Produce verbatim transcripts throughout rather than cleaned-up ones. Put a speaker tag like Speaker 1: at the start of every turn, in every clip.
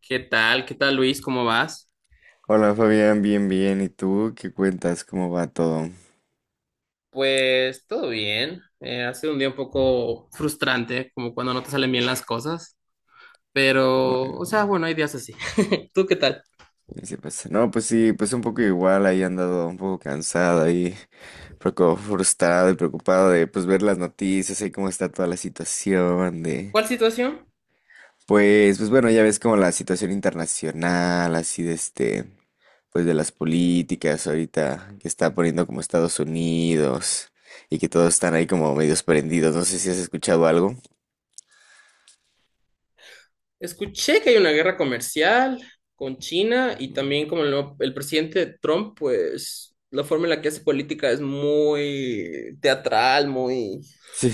Speaker 1: ¿Qué tal? ¿Qué tal, Luis? ¿Cómo vas?
Speaker 2: Hola Fabián, bien, bien. ¿Y tú qué cuentas? ¿Cómo va todo?
Speaker 1: Pues todo bien. Eh, ha sido un día un poco frustrante, como cuando no te salen bien las cosas. Pero, o sea,
Speaker 2: Bueno,
Speaker 1: bueno, hay días así. ¿Tú qué tal?
Speaker 2: ¿qué se pasa? No, pues sí, pues un poco igual, ahí he andado un poco cansada y poco frustrado y preocupado de pues ver las noticias y cómo está toda la situación de
Speaker 1: ¿Cuál situación?
Speaker 2: pues pues bueno, ya ves como la situación internacional, así de este pues de las políticas ahorita que está poniendo como Estados Unidos y que todos están ahí como medios prendidos. No sé si has escuchado algo.
Speaker 1: Escuché que hay una guerra comercial con China y
Speaker 2: Ujú.
Speaker 1: también como el, nuevo- el presidente Trump, pues la forma en la que hace política es muy teatral, muy...
Speaker 2: Sí.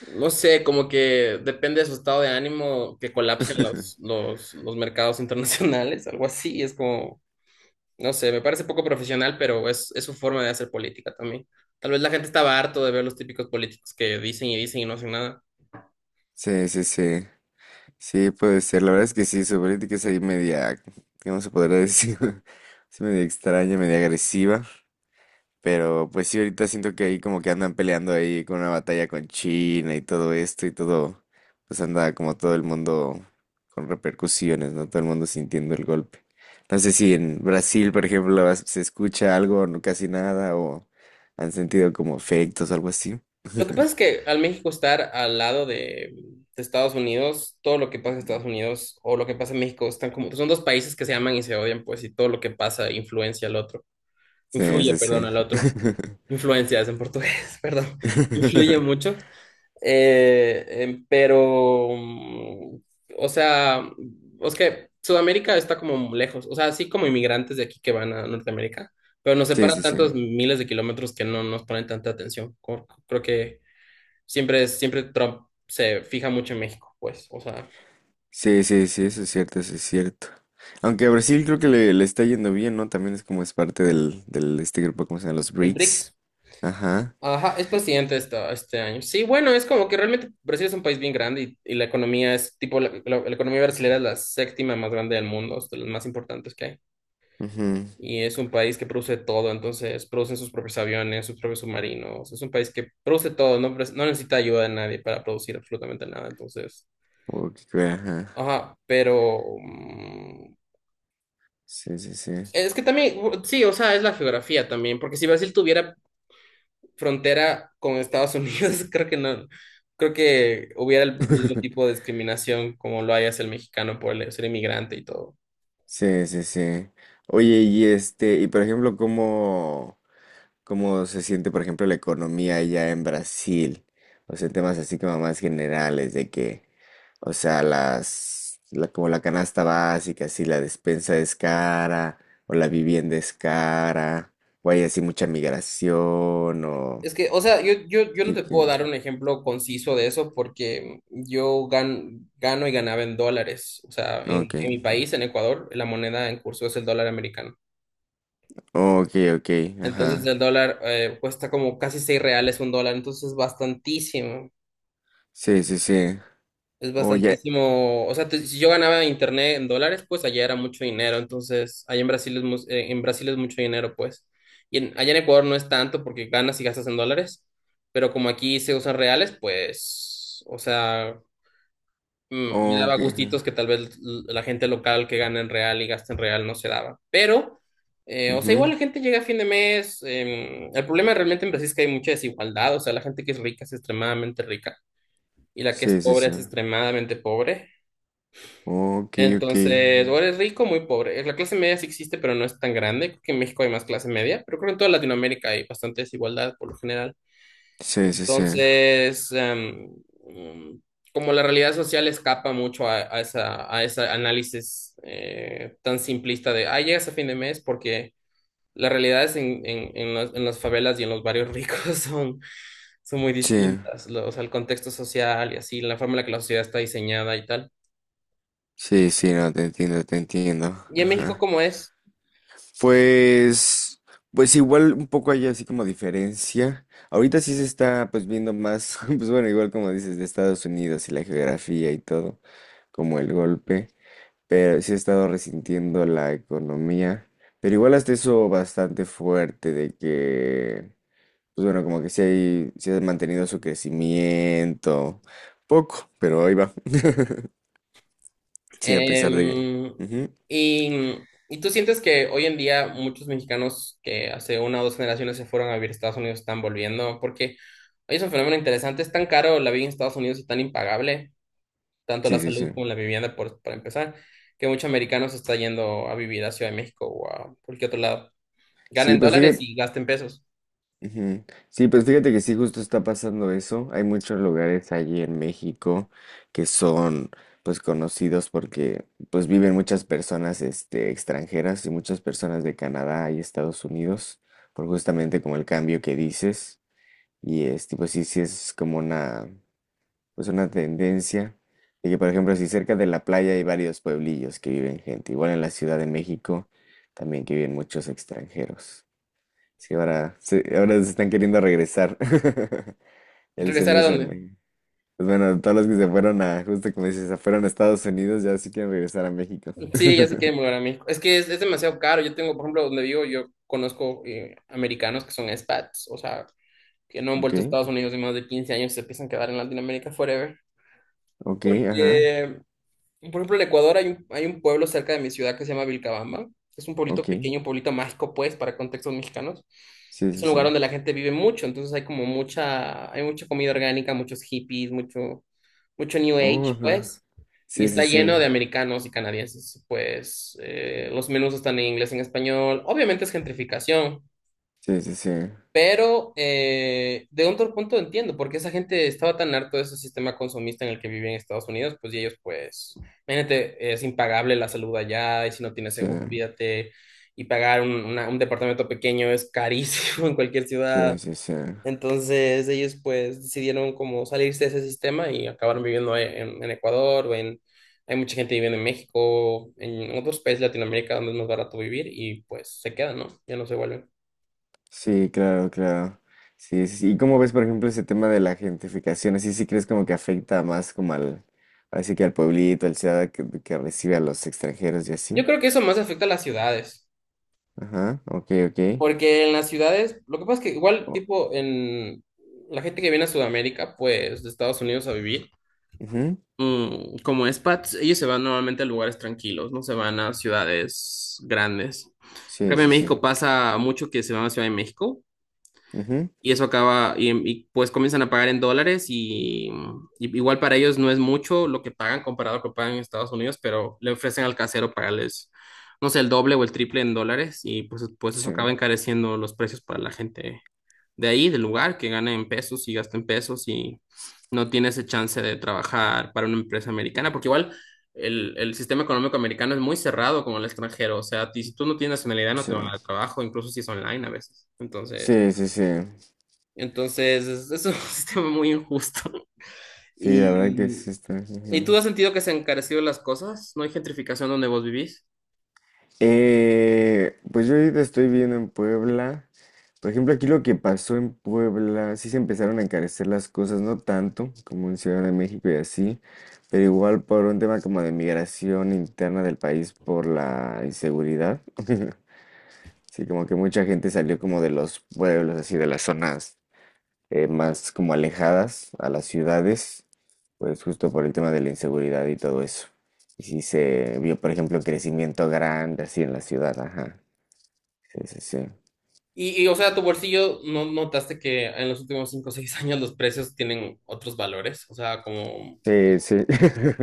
Speaker 1: No sé, como que depende de su estado de ánimo que colapsen los, los, los mercados internacionales, algo así. Es como, no sé, me parece poco profesional, pero es, es su forma de hacer política también. Tal vez la gente estaba harto de ver los típicos políticos que dicen y dicen y no hacen nada.
Speaker 2: Sí, sí, sí. Sí, puede ser. La verdad es que sí, su política es ahí media, ¿qué vamos a poder decir? Es media extraña, media agresiva. Pero pues sí, ahorita siento que ahí como que andan peleando ahí con una batalla con China y todo esto y todo. Pues anda como todo el mundo con repercusiones, ¿no? Todo el mundo sintiendo el golpe. No sé si en Brasil, por ejemplo, vas- se escucha algo, no casi nada, o han sentido como efectos o algo así.
Speaker 1: Lo que pasa es que al México estar al lado de, de Estados Unidos, todo lo que pasa en Estados Unidos o lo que pasa en México están como, son dos países que se aman y se odian, pues, y todo lo que pasa influencia al otro,
Speaker 2: Sí,
Speaker 1: influye,
Speaker 2: sí,
Speaker 1: perdón,
Speaker 2: sí.
Speaker 1: al otro. Influencias en portugués, perdón, influye mucho, eh, em, pero, mm, o sea, es que Sudamérica está como lejos, o sea, así como inmigrantes de aquí que van a Norteamérica, pero nos
Speaker 2: Sí,
Speaker 1: separan
Speaker 2: sí, sí.
Speaker 1: tantos miles de kilómetros que no nos ponen tanta atención. Co- Creo que siempre, siempre Trump se fija mucho en México, pues, o sea,
Speaker 2: Sí, sí, sí, eso es cierto, eso es cierto. Aunque a Brasil creo que le, le está yendo bien, ¿no? También es como es parte del, del este grupo, ¿cómo se llama? Los
Speaker 1: el
Speaker 2: BRICS.
Speaker 1: B R I C S.
Speaker 2: Ajá.
Speaker 1: Ajá, es presidente esta- este año. Sí, bueno, es como que realmente Brasil es un país bien grande y, y la economía es tipo, la, la- la economía brasileña es la séptima más grande del mundo, es de las más importantes que hay.
Speaker 2: Ujú.
Speaker 1: Y es un país que produce todo, entonces producen sus propios aviones, sus propios submarinos. Es un país que produce todo, no, pres- no necesita ayuda de nadie para producir absolutamente nada. Entonces,
Speaker 2: O que crea, ajá.
Speaker 1: ajá, pero mm,
Speaker 2: Sí, sí, sí.
Speaker 1: es que también, u- sí, o sea, es la geografía también, porque si Brasil tuviera frontera con Estados Unidos, creo que no, creo que hubiera el mismo tipo de discriminación como lo hay hacia el mexicano por el- ser inmigrante y todo.
Speaker 2: Sí, sí, sí. Oye, y este, y por ejemplo, ¿cómo? ¿Cómo se siente, por ejemplo, la economía allá en Brasil? O sea, temas así como más generales de que, o sea, las, la, como la canasta básica, si la despensa es cara o la vivienda es cara, o hay así mucha migración o...
Speaker 1: Es que, o sea, yo, yo, yo no
Speaker 2: Sí,
Speaker 1: te puedo
Speaker 2: que-
Speaker 1: dar un ejemplo conciso de eso porque yo gan- gano y ganaba en dólares. O sea, en,
Speaker 2: ok,
Speaker 1: en mi país,
Speaker 2: ujú.
Speaker 1: en Ecuador, la moneda en curso es el dólar americano.
Speaker 2: Ok, ok,
Speaker 1: Entonces
Speaker 2: ajá.
Speaker 1: el dólar eh, cuesta como casi seis reales un dólar, entonces es bastantísimo.
Speaker 2: Sí, sí, sí.
Speaker 1: Es
Speaker 2: Oye,
Speaker 1: bastantísimo, o sea, te- si yo ganaba internet en dólares, pues allá era mucho dinero, entonces allá en Brasil es, mu- eh, en Brasil es mucho dinero, pues. Y en- allá en Ecuador no es tanto porque ganas y gastas en dólares, pero como aquí se usan reales, pues, o sea, mm, me daba
Speaker 2: ok, ajá.
Speaker 1: gustitos que tal vez l- la gente local que gana en real y gasta en real no se daba. Pero, eh, o sea, igual
Speaker 2: Ujú.
Speaker 1: la gente llega a fin de mes, em, el problema realmente en Brasil es que hay mucha desigualdad, o sea, la gente que es rica es extremadamente rica y la que es
Speaker 2: Sí, sí,
Speaker 1: pobre
Speaker 2: sí.
Speaker 1: es extremadamente pobre.
Speaker 2: Ok, ok,
Speaker 1: Entonces, o
Speaker 2: ajá.
Speaker 1: eres rico o muy pobre. La clase media sí existe, pero no es tan grande. Creo que en México hay más clase media, pero creo que en toda Latinoamérica hay bastante desigualdad por lo general.
Speaker 2: Sí, sí, sí.
Speaker 1: Entonces, em, mm, como la realidad social escapa mucho a, a esa, a ese análisis eh, tan simplista de, ah, llegas a fin de mes porque las realidades en, en, en las, en las favelas y en los barrios ricos son, son muy
Speaker 2: Sí.
Speaker 1: distintas. Lo- o sea, el contexto social y así, la forma en la que la sociedad está diseñada y tal.
Speaker 2: Sí, sí, no, te entiendo, te entiendo.
Speaker 1: ¿Y en México
Speaker 2: Ajá.
Speaker 1: cómo es?
Speaker 2: Pues, pues igual un poco hay así como diferencia. Ahorita sí se está pues viendo más, pues bueno, igual como dices, de Estados Unidos y la geografía y todo, como el golpe, pero sí ha estado resintiendo la economía, pero igual hasta eso bastante fuerte de que, pues bueno, como que sí hay, sí ha mantenido su crecimiento, poco, pero ahí va. Sí, a pesar de...
Speaker 1: Em,
Speaker 2: Que... Ujú.
Speaker 1: y, y tú sientes que hoy en día muchos mexicanos que hace una o dos generaciones se fueron a vivir a Estados Unidos están volviendo, porque hoy es un fenómeno interesante, es tan caro la vida en Estados Unidos y tan impagable, tanto la
Speaker 2: Sí, sí,
Speaker 1: salud
Speaker 2: sí.
Speaker 1: como la vivienda, por, para empezar, que muchos americanos se está yendo a vivir a Ciudad de México o a cualquier otro lado.
Speaker 2: Sí,
Speaker 1: Ganen
Speaker 2: pues
Speaker 1: dólares
Speaker 2: fíjate,
Speaker 1: y gasten pesos.
Speaker 2: ujú. Sí, pues fíjate que sí, justo está pasando eso. Hay muchos lugares allí en México que son, pues, conocidos porque, pues, viven muchas personas, este, extranjeras y muchas personas de Canadá y Estados Unidos, por justamente como el cambio que dices. Y, este, pues, sí, sí es como una, pues, una tendencia. Y que, por ejemplo, si cerca de la playa hay varios pueblillos que viven gente, igual en la Ciudad de México también que viven muchos extranjeros. Sí, ahora, sí, ahora se están queriendo regresar. El
Speaker 1: ¿Regresar
Speaker 2: sueño
Speaker 1: a
Speaker 2: es
Speaker 1: dónde?
Speaker 2: en México. Pues bueno, todos los que se fueron a, justo como dices, se fueron a Estados Unidos, ya sí quieren regresar a México.
Speaker 1: Sí, ya se quieren volver a México. Es que es, es demasiado caro. Yo tengo, por ejemplo, donde vivo, yo conozco eh, americanos que son expats, o sea, que no han
Speaker 2: Ok,
Speaker 1: vuelto a Estados Unidos en más de quince años, se piensan quedar en Latinoamérica forever.
Speaker 2: ok, ajá,
Speaker 1: Porque, por ejemplo, en Ecuador hay un, hay un pueblo cerca de mi ciudad que se llama Vilcabamba. Es un pueblito
Speaker 2: ok.
Speaker 1: pequeño, un pueblito mágico, pues, para contextos mexicanos.
Speaker 2: Sí,
Speaker 1: Es
Speaker 2: sí,
Speaker 1: un
Speaker 2: sí.
Speaker 1: lugar donde la gente vive mucho, entonces hay como mucha, hay mucha comida orgánica, muchos hippies, mucho, mucho New Age,
Speaker 2: Oh, ajá.
Speaker 1: pues. Y
Speaker 2: Sí, sí,
Speaker 1: está
Speaker 2: sí.
Speaker 1: lleno de americanos y canadienses, pues eh, los menús están en inglés, en español. Obviamente es gentrificación,
Speaker 2: Sí, sí, sí.
Speaker 1: pero eh, de otro punto entiendo, porque esa gente estaba tan harto de ese sistema consumista en el que vive en Estados Unidos, pues y ellos pues, imagínate, es impagable la salud allá, y si no tienes
Speaker 2: Sí,
Speaker 1: seguro, olvídate, y pagar un, una- un departamento pequeño es carísimo en cualquier ciudad.
Speaker 2: sí, sí, sí.
Speaker 1: Entonces ellos pues decidieron como salirse de ese sistema y acabaron viviendo en, en Ecuador, o en, hay mucha gente viviendo en México, en otros países de Latinoamérica donde es más barato vivir y pues se quedan, ¿no? Ya no se vuelven.
Speaker 2: Sí, claro, claro. Sí, sí, sí. ¿Y cómo ves, por ejemplo, ese tema de la gentrificación? ¿Así sí crees como que afecta más como al, así que al pueblito, al ciudad que, que recibe a los extranjeros y
Speaker 1: Yo
Speaker 2: así?
Speaker 1: creo que eso más afecta a las ciudades,
Speaker 2: Ajá, ok, ok.
Speaker 1: porque en las ciudades, lo que pasa es que igual
Speaker 2: O-
Speaker 1: tipo en la gente que viene a Sudamérica, pues de Estados Unidos a vivir,
Speaker 2: ujú.
Speaker 1: mm, como expats, ellos se van normalmente a lugares tranquilos, no se van a ciudades grandes. En
Speaker 2: Sí,
Speaker 1: cambio, en
Speaker 2: sí, sí.
Speaker 1: México pasa mucho que se van a Ciudad de México.
Speaker 2: Ujú.
Speaker 1: Y eso acaba, y, y, pues comienzan a pagar en dólares y, y igual para ellos no es mucho lo que pagan comparado a lo que pagan en Estados Unidos, pero le ofrecen al casero pagarles, no sé, el doble o el triple en dólares y pues, pues eso
Speaker 2: Sí,
Speaker 1: acaba encareciendo los precios para la gente de ahí, del lugar, que gana en pesos y gasta en pesos y no tiene ese chance de trabajar para una empresa americana, porque igual el, el sistema económico americano es muy cerrado como el extranjero, o sea, ti- si tú no tienes nacionalidad no
Speaker 2: sí.
Speaker 1: te van a dar trabajo, incluso si es online a veces. Entonces...
Speaker 2: Sí, sí, sí.
Speaker 1: Entonces, es es un sistema muy injusto.
Speaker 2: Sí, la verdad que
Speaker 1: Y,
Speaker 2: sí está.
Speaker 1: ¿y
Speaker 2: Ujú.
Speaker 1: tú has sentido que se han encarecido las cosas? ¿No hay gentrificación donde vos vivís?
Speaker 2: Eh, pues yo ahorita estoy viendo en Puebla. Por ejemplo, aquí lo que pasó en Puebla, sí se empezaron a encarecer las cosas, no tanto como en Ciudad de México y así, pero igual por un tema como de migración interna del país por la inseguridad. Sí, como que mucha gente salió como de los pueblos, así de las zonas, eh, más como alejadas a las ciudades, pues justo por el tema de la inseguridad y todo eso. Y sí se vio, por ejemplo, crecimiento grande así en la ciudad, ajá. Sí, sí, sí.
Speaker 1: Y, y, o sea, tu bolsillo, ¿no notaste que en los últimos cinco o seis años los precios tienen otros valores? O sea, como,
Speaker 2: Sí, sí.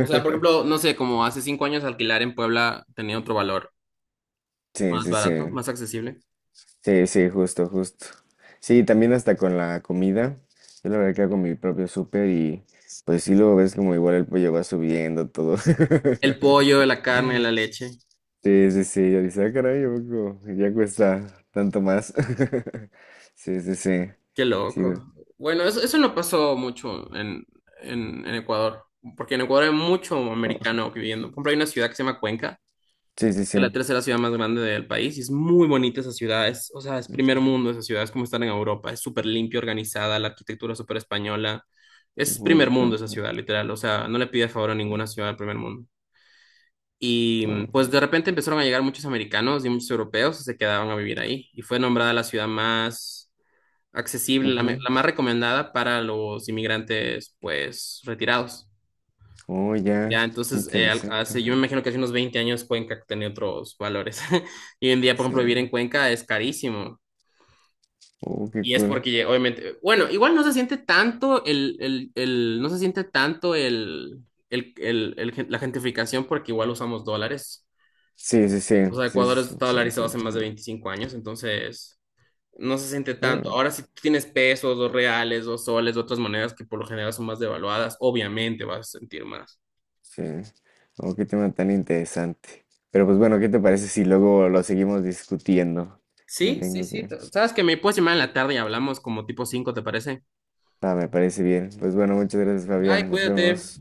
Speaker 1: o sea, por ejemplo, no sé, como hace cinco años alquilar en Puebla tenía otro valor,
Speaker 2: Sí,
Speaker 1: más
Speaker 2: sí, sí.
Speaker 1: barato, más accesible.
Speaker 2: Sí, sí, justo, justo. Sí, también hasta con la comida. Yo la verdad que hago mi propio súper y pues sí, luego ves como igual el pollo va subiendo todo.
Speaker 1: El pollo, la carne, la leche.
Speaker 2: Sí, sí, sí, yo dije, ah, caray, ¿a poco ya cuesta tanto más? Sí, sí, sí.
Speaker 1: Qué
Speaker 2: Sí, güey.
Speaker 1: loco. Bueno, eso, eso no pasó mucho en, en, en Ecuador, porque en Ecuador hay mucho
Speaker 2: Oh,
Speaker 1: americano viviendo. Por ejemplo, hay una ciudad que se llama Cuenca,
Speaker 2: sí, sí,
Speaker 1: que es la
Speaker 2: sí.
Speaker 1: tercera ciudad más grande del país, y es muy bonita esa ciudad. Es, o sea, es primer mundo esa ciudad, es como estar en Europa, es súper limpia, organizada, la arquitectura es súper española. Es
Speaker 2: Ujú,
Speaker 1: primer mundo esa
Speaker 2: ujú,
Speaker 1: ciudad, literal. O sea, no le pide favor a ninguna ciudad del primer mundo. Y mm,
Speaker 2: ujú,
Speaker 1: pues de repente empezaron a llegar muchos americanos y muchos europeos y se quedaban a vivir ahí. Y fue nombrada la ciudad más accesible, la, me-
Speaker 2: ujú.
Speaker 1: la más recomendada para los inmigrantes, pues, retirados.
Speaker 2: Oh, ya,
Speaker 1: Ya,
Speaker 2: qué
Speaker 1: entonces, eh, al-
Speaker 2: interesante,
Speaker 1: hace,
Speaker 2: ajá.
Speaker 1: yo me imagino que hace unos veinte años Cuenca tenía otros valores. Y hoy en día, por
Speaker 2: Sí.
Speaker 1: ejemplo, vivir en Cuenca es carísimo.
Speaker 2: Oh, qué
Speaker 1: Y es
Speaker 2: cool.
Speaker 1: porque, obviamente, bueno, igual no se siente tanto el, el, el- no se siente tanto el, el, el- el gen- la gentrificación porque igual usamos dólares.
Speaker 2: Sí, sí, sí,
Speaker 1: O sea,
Speaker 2: sí,
Speaker 1: Ecuador
Speaker 2: es
Speaker 1: es dolarizado hace
Speaker 2: interesante,
Speaker 1: más de
Speaker 2: ajá.
Speaker 1: veinticinco años, entonces no se siente tanto.
Speaker 2: Ah,
Speaker 1: Ahora si tú tienes pesos, dos reales, dos soles, otras monedas que por lo general son más devaluadas, obviamente vas a sentir más.
Speaker 2: sí. Oh, qué tema tan interesante. Pero pues bueno, ¿qué te parece si luego lo seguimos discutiendo? Me
Speaker 1: Sí, sí,
Speaker 2: tengo
Speaker 1: sí.
Speaker 2: que...
Speaker 1: Sabes que me puedes llamar en la tarde y hablamos como tipo cinco, ¿te parece?
Speaker 2: Ah, me parece bien. Pues bueno, muchas gracias,
Speaker 1: Bye,
Speaker 2: Fabián. Nos
Speaker 1: cuídate.
Speaker 2: vemos.